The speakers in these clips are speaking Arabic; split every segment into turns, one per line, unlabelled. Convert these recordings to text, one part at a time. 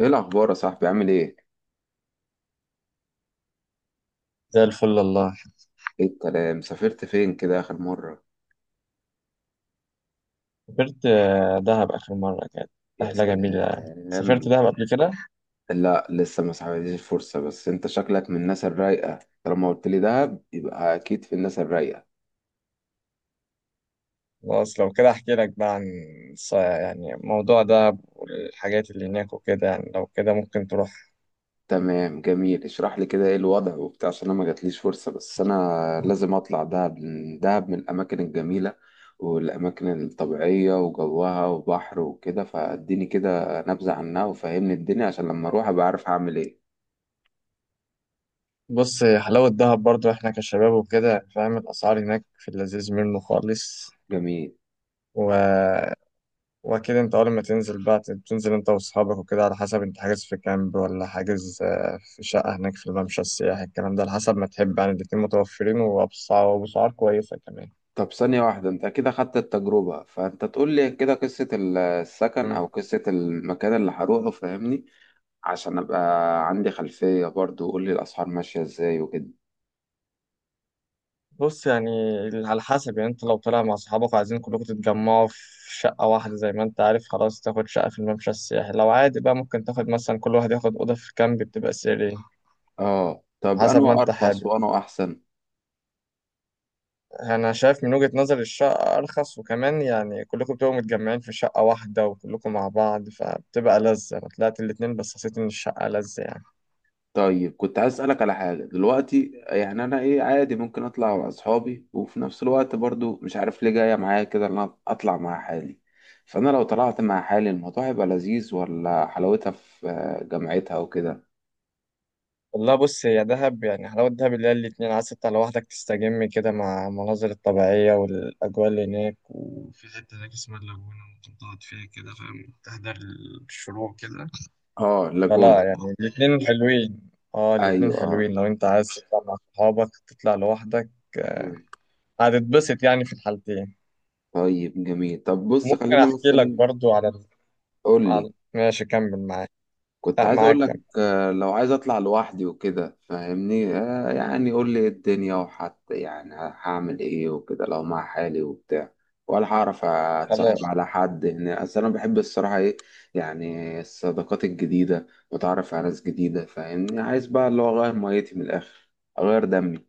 ايه الاخبار يا صاحبي، عامل ايه؟
زي الفل والله.
ايه الكلام، سافرت فين كده اخر مره؟
سافرت دهب آخر مرة، كانت
يا
رحلة جميلة يعني. سافرت
سلام.
دهب قبل كده.
لا، لسه ما سحبتليش الفرصه، بس انت شكلك من الناس الرايقه. طالما قلت لي دهب يبقى اكيد في الناس الرايقه.
خلاص لو كده أحكي لك بقى عن يعني موضوع دهب والحاجات اللي هناك وكده، يعني لو كده ممكن تروح.
تمام، جميل، اشرح لي كده ايه الوضع وبتاع، عشان انا ما جاتليش فرصه، بس انا لازم اطلع دهب لأن دهب من الاماكن الجميله والاماكن الطبيعيه وجوها وبحر وكده، فاديني كده نبذه عنها وفهمني الدنيا عشان لما اروح ابقى عارف هعمل ايه.
بص، هي حلاوة دهب برضو إحنا كشباب وكده، فاهم الأسعار هناك في اللذيذ منه خالص.
جميل.
و واكيد انت اول ما تنزل بقى بتنزل انت واصحابك وكده، على حسب انت حاجز في كامب ولا حاجز في شقة هناك في الممشى السياحي الكلام ده، على حسب ما تحب يعني، الاتنين متوفرين وبأسعار كويسة كمان.
طب ثانية واحدة، انت كده خدت التجربة، فانت تقول لي كده قصة السكن
مم.
او قصة المكان اللي هروحه، فاهمني؟ عشان ابقى عندي خلفية برضو، وقول لي الاسعار ماشية ازاي وكده.
بص يعني، على حسب يعني، انت لو طالع مع اصحابك وعايزين كلكم تتجمعوا في شقة واحدة، زي ما انت عارف، خلاص تاخد شقة في الممشى السياحي، لو عادي بقى ممكن تاخد مثلا كل واحد ياخد أوضة في كامب، بتبقى سرية.
اه، طب
على حسب ما
انا
انت
ارخص
حابب.
وانا احسن.
انا شايف من وجهة نظري الشقة ارخص، وكمان يعني كلكم بتبقوا متجمعين في شقة واحدة، وكلكم مع بعض، فبتبقى لذة. انا طلعت الاتنين بس حسيت ان الشقة لذة يعني.
طيب، كنت عايز اسألك على حاجة دلوقتي، يعني انا ايه عادي ممكن اطلع مع اصحابي، وفي نفس الوقت برضو مش عارف ليه جاية معايا كده ان انا اطلع مع حالي. فانا لو طلعت مع حالي الموضوع هيبقى لذيذ، ولا حلاوتها في جامعتها وكده؟
والله بص، هي دهب يعني، حلاوة دهب اللي هي الاتنين، عايز تطلع لوحدك تستجم كده مع المناظر الطبيعية والأجواء اللي هناك، وفي حتة هناك اسمها اللاجونة ممكن تقعد فيها كده فاهم، تحضر الشروق كده.
اه،
فلا
اللاجون.
يعني الاتنين حلوين. اه، الاتنين
ايوه، اه.
حلوين، لو انت عايز تطلع مع صحابك تطلع لوحدك
مم.
هتتبسط يعني في الحالتين.
طيب جميل، طب بص
ممكن
خلينا
احكي لك
مثلا.
برضو على
قول لي.
على ماشي كمل معاك.
كنت
لا،
عايز اقول
معاك
لك،
كمل.
لو عايز اطلع لوحدي وكده فاهمني، يعني قول لي إيه الدنيا، وحتى يعني هعمل ايه وكده لو مع حالي وبتاع، ولا هعرف اتصاحب
خلاص
على حد هنا؟ اصل انا بحب الصراحه، ايه يعني الصداقات الجديده واتعرف على ناس جديده، فاهمني. عايز بقى اللي هو اغير ميتي من الاخر، اغير دمي.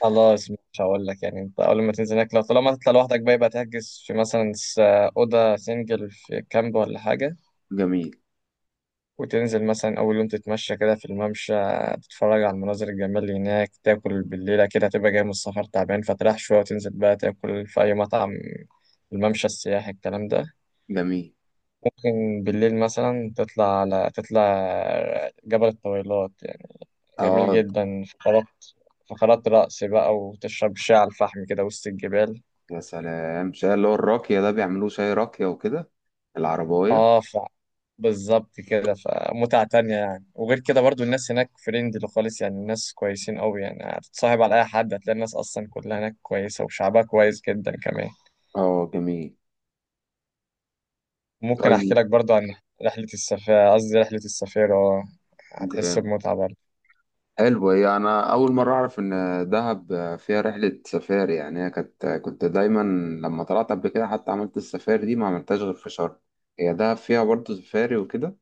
خلاص، مش هقول لك يعني، انت اول ما تنزل هناك، لو طالما تطلع لوحدك بقى، يبقى تحجز في مثلا اوضه سنجل في كامب ولا حاجه.
جميل.
وتنزل مثلا اول يوم تتمشى كده في الممشى، تتفرج على المناظر الجميله اللي هناك، تاكل بالليله كده، هتبقى جاي من السفر تعبان فتريح شويه، وتنزل بقى تاكل في اي مطعم الممشى السياحي الكلام ده.
جميل.
ممكن بالليل مثلا تطلع، على تطلع جبل الطويلات يعني. جميل
اه.
جدا. فقرات رقص بقى، وتشرب شاي على الفحم كده وسط الجبال.
يا سلام، شاي اللي هو الراكية ده، بيعملوه شاي راكية وكده، العرباية.
اه بالظبط كده. فمتعة تانية يعني، وغير كده برضو الناس هناك فريندلي خالص، يعني الناس كويسين قوي، يعني هتتصاحب على أي حد، هتلاقي الناس أصلا كلها هناك كويسة، وشعبها كويس جدا كمان.
اه، جميل.
ممكن أحكي
طيب
لك برضو عن رحلة السفارة، قصدي رحلة السفارة، هتحس
جامد.
بمتعة برضو.
حلو، هي انا اول مرة اعرف ان دهب فيها رحلة سفاري. يعني هي كانت، كنت دايما لما طلعت قبل كده حتى عملت السفاري دي، ما عملتهاش غير في شرم. هي دهب فيها برضه سفاري وكده؟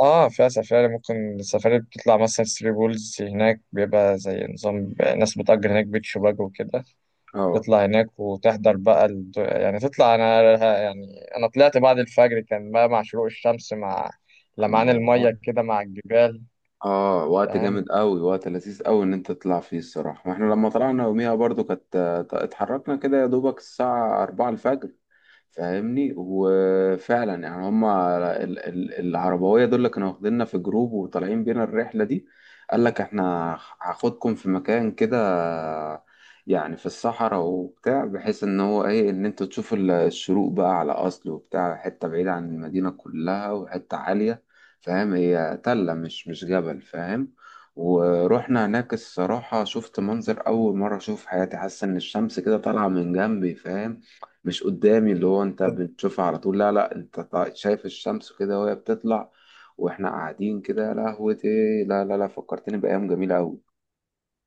اه فيها سفاري، ممكن السفاري بتطلع مثلا ثري بولز، هناك بيبقى زي نظام ناس بتأجر هناك بيت شباك وكده.
اه.
تطلع هناك وتحضر بقى يعني تطلع انا يعني انا طلعت بعد الفجر، كان بقى مع شروق الشمس، مع لمعان
الله.
المية كده مع الجبال،
اه، وقت
فاهم.
جامد قوي، وقت لذيذ قوي ان انت تطلع فيه الصراحة. واحنا لما طلعنا يوميها برضه كانت، اتحركنا كده يا دوبك الساعة 4 الفجر، فاهمني؟ وفعلا يعني هما العربوية دول اللي كانوا واخديننا في جروب وطالعين بينا الرحلة دي. قال لك احنا هاخدكم في مكان كده، يعني في الصحراء وبتاع، بحيث ان هو ايه، ان انتوا تشوفوا الشروق بقى، على اصل وبتاع حتة بعيدة عن المدينة كلها وحتة عالية، فاهم؟ هي تلة مش جبل، فاهم. ورحنا هناك الصراحة شفت منظر أول مرة أشوف في حياتي، حاسس إن الشمس كده طالعة من جنبي، فاهم. مش قدامي اللي هو انت بتشوفها على طول، لا لا، انت شايف الشمس كده وهي بتطلع، واحنا قاعدين كده يا لهوتي. لا لا لا، فكرتني بأيام جميلة أوي.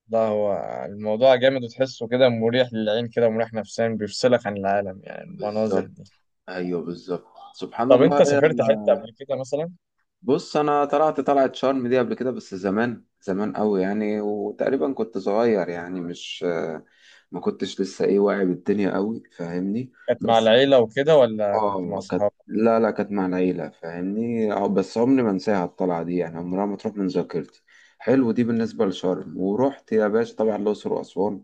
لا، هو الموضوع جامد، وتحسه كده مريح للعين، كده مريح نفسيا، بيفصلك عن العالم يعني المناظر دي.
بالظبط. ايوه بالظبط، سبحان
طب
الله،
انت سافرت حتة قبل كده مثلا؟
بص انا طلعت شرم دي قبل كده، بس زمان زمان قوي يعني، وتقريبا كنت صغير، يعني مش، ما كنتش لسه ايه واعي بالدنيا قوي، فاهمني.
كانت مع
بس.
العيلة وكده ولا كنت مع
اه، كانت،
صحابك؟
لا لا، كانت مع العيلة فاهمني، اه بس عمري ما انساها الطلعة دي، يعني عمرها ما تروح من ذاكرتي. حلو، دي بالنسبة لشرم، ورحت يا باشا طبعا الأقصر وأسوان.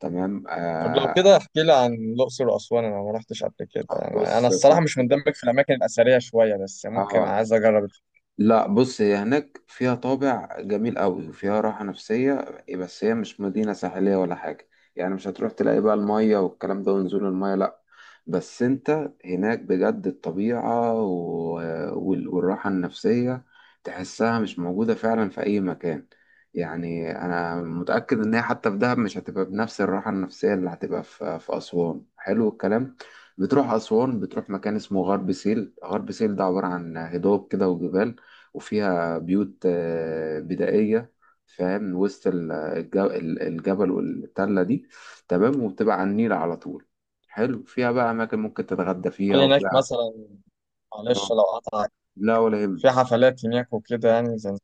تمام،
طب لو
آه.
كده احكي لي عن الأقصر وأسوان، انا ما رحتش قبل كده.
آه،
أنا
بص يا
الصراحة مش
صاحبي،
مندمج في الأماكن الأثرية شوية، بس ممكن
اه،
عايز اجرب.
لا بص هي هناك فيها طابع جميل قوي وفيها راحة نفسية، بس هي مش مدينة ساحلية ولا حاجة. يعني مش هتروح تلاقي بقى المية والكلام ده ونزول المية، لا. بس انت هناك بجد الطبيعة و... والراحة النفسية تحسها مش موجودة فعلا في أي مكان. يعني أنا متأكد إن هي حتى في دهب مش هتبقى بنفس الراحة النفسية اللي هتبقى في أسوان، حلو الكلام. بتروح أسوان، بتروح مكان اسمه غرب سهيل. غرب سهيل ده عبارة عن هضاب كده وجبال، وفيها بيوت بدائية، فاهم، وسط الجبل والتلة دي، تمام، وبتبقى على النيل على طول، حلو. فيها بقى أماكن ممكن تتغدى فيها
هل هناك
وفيها،
مثلا، معلش
آه،
لو قطعك،
لا ولا يهم،
في حفلات هناك وكده يعني؟ زي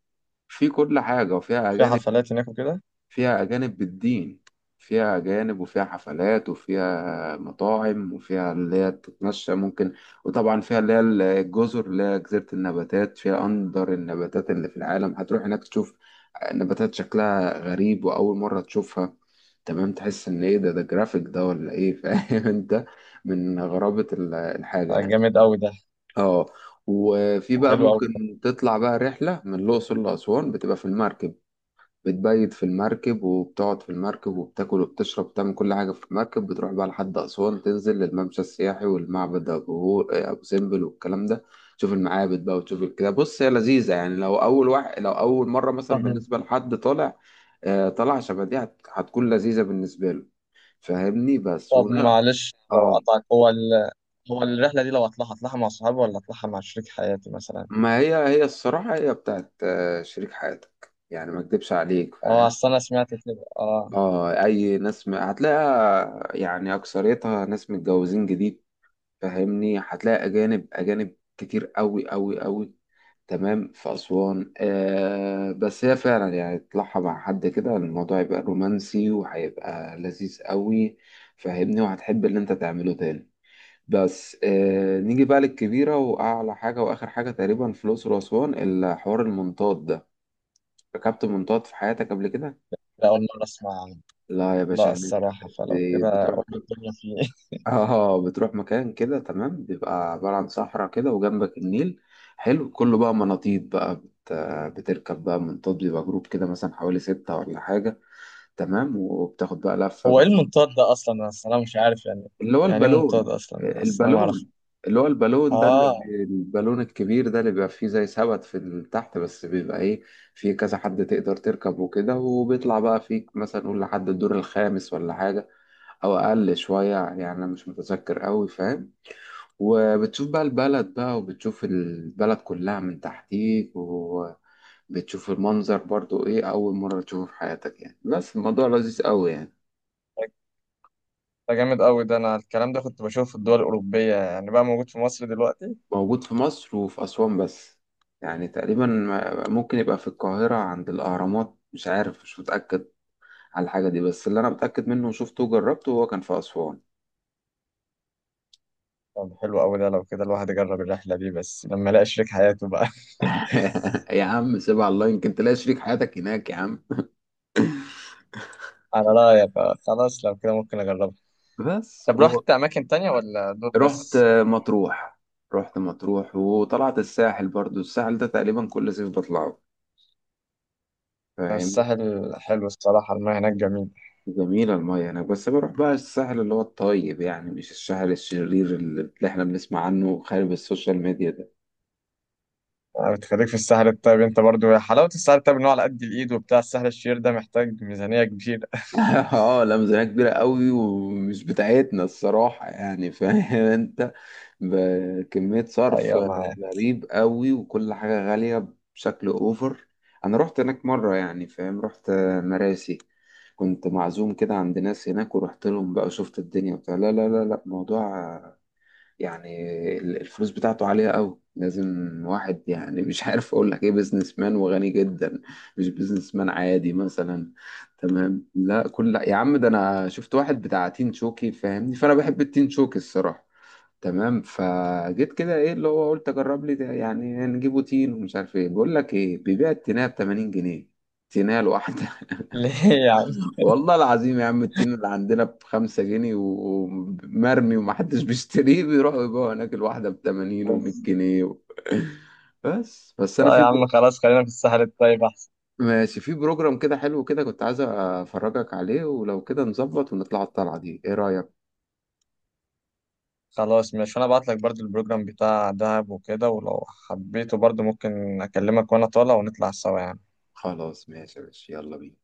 في كل حاجة، وفيها
في
أجانب.
حفلات هناك وكده؟
فيها أجانب بالدين، فيها أجانب وفيها حفلات وفيها مطاعم وفيها اللي هي تتمشى ممكن. وطبعا فيها اللي هي الجزر اللي هي جزيرة النباتات، فيها أندر النباتات اللي في العالم. هتروح هناك تشوف نباتات شكلها غريب وأول مرة تشوفها، تمام. تحس إن إيه ده، ده جرافيك ده ولا إيه؟ فاهم أنت من غرابة الحاجة
آه،
يعني.
جامد قوي ده.
اه، وفي بقى
حلو قوي ده.
ممكن تطلع بقى رحلة من الأقصر لأسوان بتبقى في المركب، بتبيت في المركب وبتقعد في المركب وبتاكل وبتشرب وبتعمل كل حاجة في المركب. بتروح بقى لحد أسوان، تنزل للممشى السياحي والمعبد أبو سمبل والكلام ده. تشوف المعابد بقى وتشوف كده، بص هي لذيذة يعني، لو أول واحد، لو أول مرة مثلا
مهم.
بالنسبة لحد طالع طالع شبه دي، هتكون لذيذة بالنسبة له فاهمني، بس
طب
ونا.
معلش لو
اه،
قطعك، هو هو الرحلة دي لو هطلعها مع صحابي ولا هطلعها مع شريك حياتي مثلا؟
ما هي هي الصراحة هي بتاعت شريك حياتك، يعني ما اكدبش عليك
اه
فاهم.
اصل انا سمعت كده، اه.
اه، اي ناس هتلاقيها يعني اكثريتها ناس متجوزين جديد، فاهمني. هتلاقي اجانب، اجانب كتير قوي قوي قوي، تمام، في اسوان، آه، بس هي فعلا يعني تطلعها مع حد كده الموضوع يبقى رومانسي وهيبقى لذيذ قوي، فاهمني، وهتحب اللي انت تعمله تاني. بس نيجي بقى للكبيرة واعلى حاجة واخر حاجة تقريبا في الاقصر واسوان، الحوار المنطاد ده. ركبت منطاد في حياتك قبل كده؟
لا، اول مرة اسمع عنه.
لا يا باشا،
لا
هناك
الصراحة، فلو كده
بتروح،
اقول الدنيا فيه ايه.
اه، بتروح مكان كده تمام، بيبقى عبارة عن صحراء كده وجنبك النيل، حلو، كله بقى مناطيد بقى بتركب بقى منطاد. بيبقى جروب كده مثلا حوالي ستة ولا حاجة، تمام، وبتاخد بقى لفة،
هو ايه
بتشوف،
المنطاد ده اصلا؟ انا الصراحة مش عارف يعني،
اللي هو
يعني ايه منطاد
البالون.
اصلا يعني؟ اصل انا ما
البالون،
اعرف.
اللي هو البالون ده، اللي
اه،
البالون الكبير ده، اللي بيبقى فيه زي سبت في تحت، بس بيبقى ايه، فيه كذا حد تقدر تركب وكده، وبيطلع بقى فيك مثلا نقول لحد الدور الخامس ولا حاجة، أو أقل شوية يعني، أنا مش متذكر أوي فاهم. وبتشوف بقى البلد بقى، وبتشوف البلد كلها من تحتيك، وبتشوف المنظر برضو ايه، أول مرة تشوفه في حياتك، يعني بس الموضوع لذيذ أوي يعني.
ده ده جامد قوي ده، انا الكلام ده كنت بشوفه في الدول الاوروبية، يعني بقى موجود في مصر دلوقتي.
موجود في مصر وفي أسوان بس. يعني تقريبا ممكن يبقى في القاهرة عند الأهرامات، مش عارف مش متأكد على الحاجة دي، بس اللي أنا متأكد منه وشفته وجربته هو كان في أسوان.
طب حلو أوي ده، لو كده الواحد يجرب الرحلة دي، بس لما يلاقي شريك حياته بقى.
يا عم سيبها على الله، يمكن تلاقي شريك حياتك هناك يا عم.
على رأيك، آه، خلاص لو كده ممكن أجربها.
بس
طب
هو،
رحت أماكن تانية ولا دول
رحت
بس؟
مطروح. رحت مطروح وطلعت الساحل برضو، الساحل ده تقريبا كل صيف بطلعه، فاهمني.
الساحل حلو الصراحة، المياه هناك جميل.
جميلة المية هناك، بس بروح بقى الساحل اللي هو الطيب، يعني مش الساحل الشرير اللي احنا بنسمع عنه خارج السوشيال ميديا ده.
آه، بتخليك في الساحل الطيب أنت برضو، يا حلاوة الساحل الطيب إن هو على قد الإيد وبتاع، الساحل الشرير ده محتاج ميزانية كبيرة.
اه، لا ميزانية كبيرة قوي ومش بتاعتنا الصراحة، يعني فاهم انت، بكمية صرف
أيوة معايا.
غريب قوي، وكل حاجة غالية بشكل اوفر. انا رحت هناك مرة، يعني فاهم، رحت مراسي، كنت معزوم كده عند ناس هناك، ورحت لهم بقى وشفت الدنيا بتاع، لا لا لا لا، موضوع يعني الفلوس بتاعته عالية قوي، لازم واحد يعني، مش عارف اقول لك ايه، بيزنس مان وغني جدا، مش بيزنس مان عادي مثلا، تمام. لا كل، لا يا عم، ده انا شفت واحد بتاع تين شوكي فاهمني، فانا بحب التين شوكي الصراحة، تمام. فجيت كده ايه، اللي هو قلت اجرب لي ده، يعني نجيبه تين ومش عارف ايه، بقول لك ايه، بيبيع التينه ب 80 جنيه، تينه لوحده.
ليه يا عم؟
والله العظيم يا عم التين اللي عندنا ب5 جنيه ومرمي ومحدش بيشتريه، بيروحوا يبيعوا هناك الواحدة بتمانين ومية جنيه و... بس
لا يا عم خلاص، خلينا في الساحل الطيب أحسن.
ماشي، في بروجرام كده حلو كده كنت عايز أفرجك عليه، ولو كده نظبط ونطلع الطلعة دي، إيه رأيك؟
خلاص ماشي، وأنا أبعت لك برضو البروجرام بتاع دهب وكده، ولو حبيته برضو ممكن أكلمك وأنا طالع ونطلع سوا يعني.
خلاص ماشي يا باشا، يلا بينا.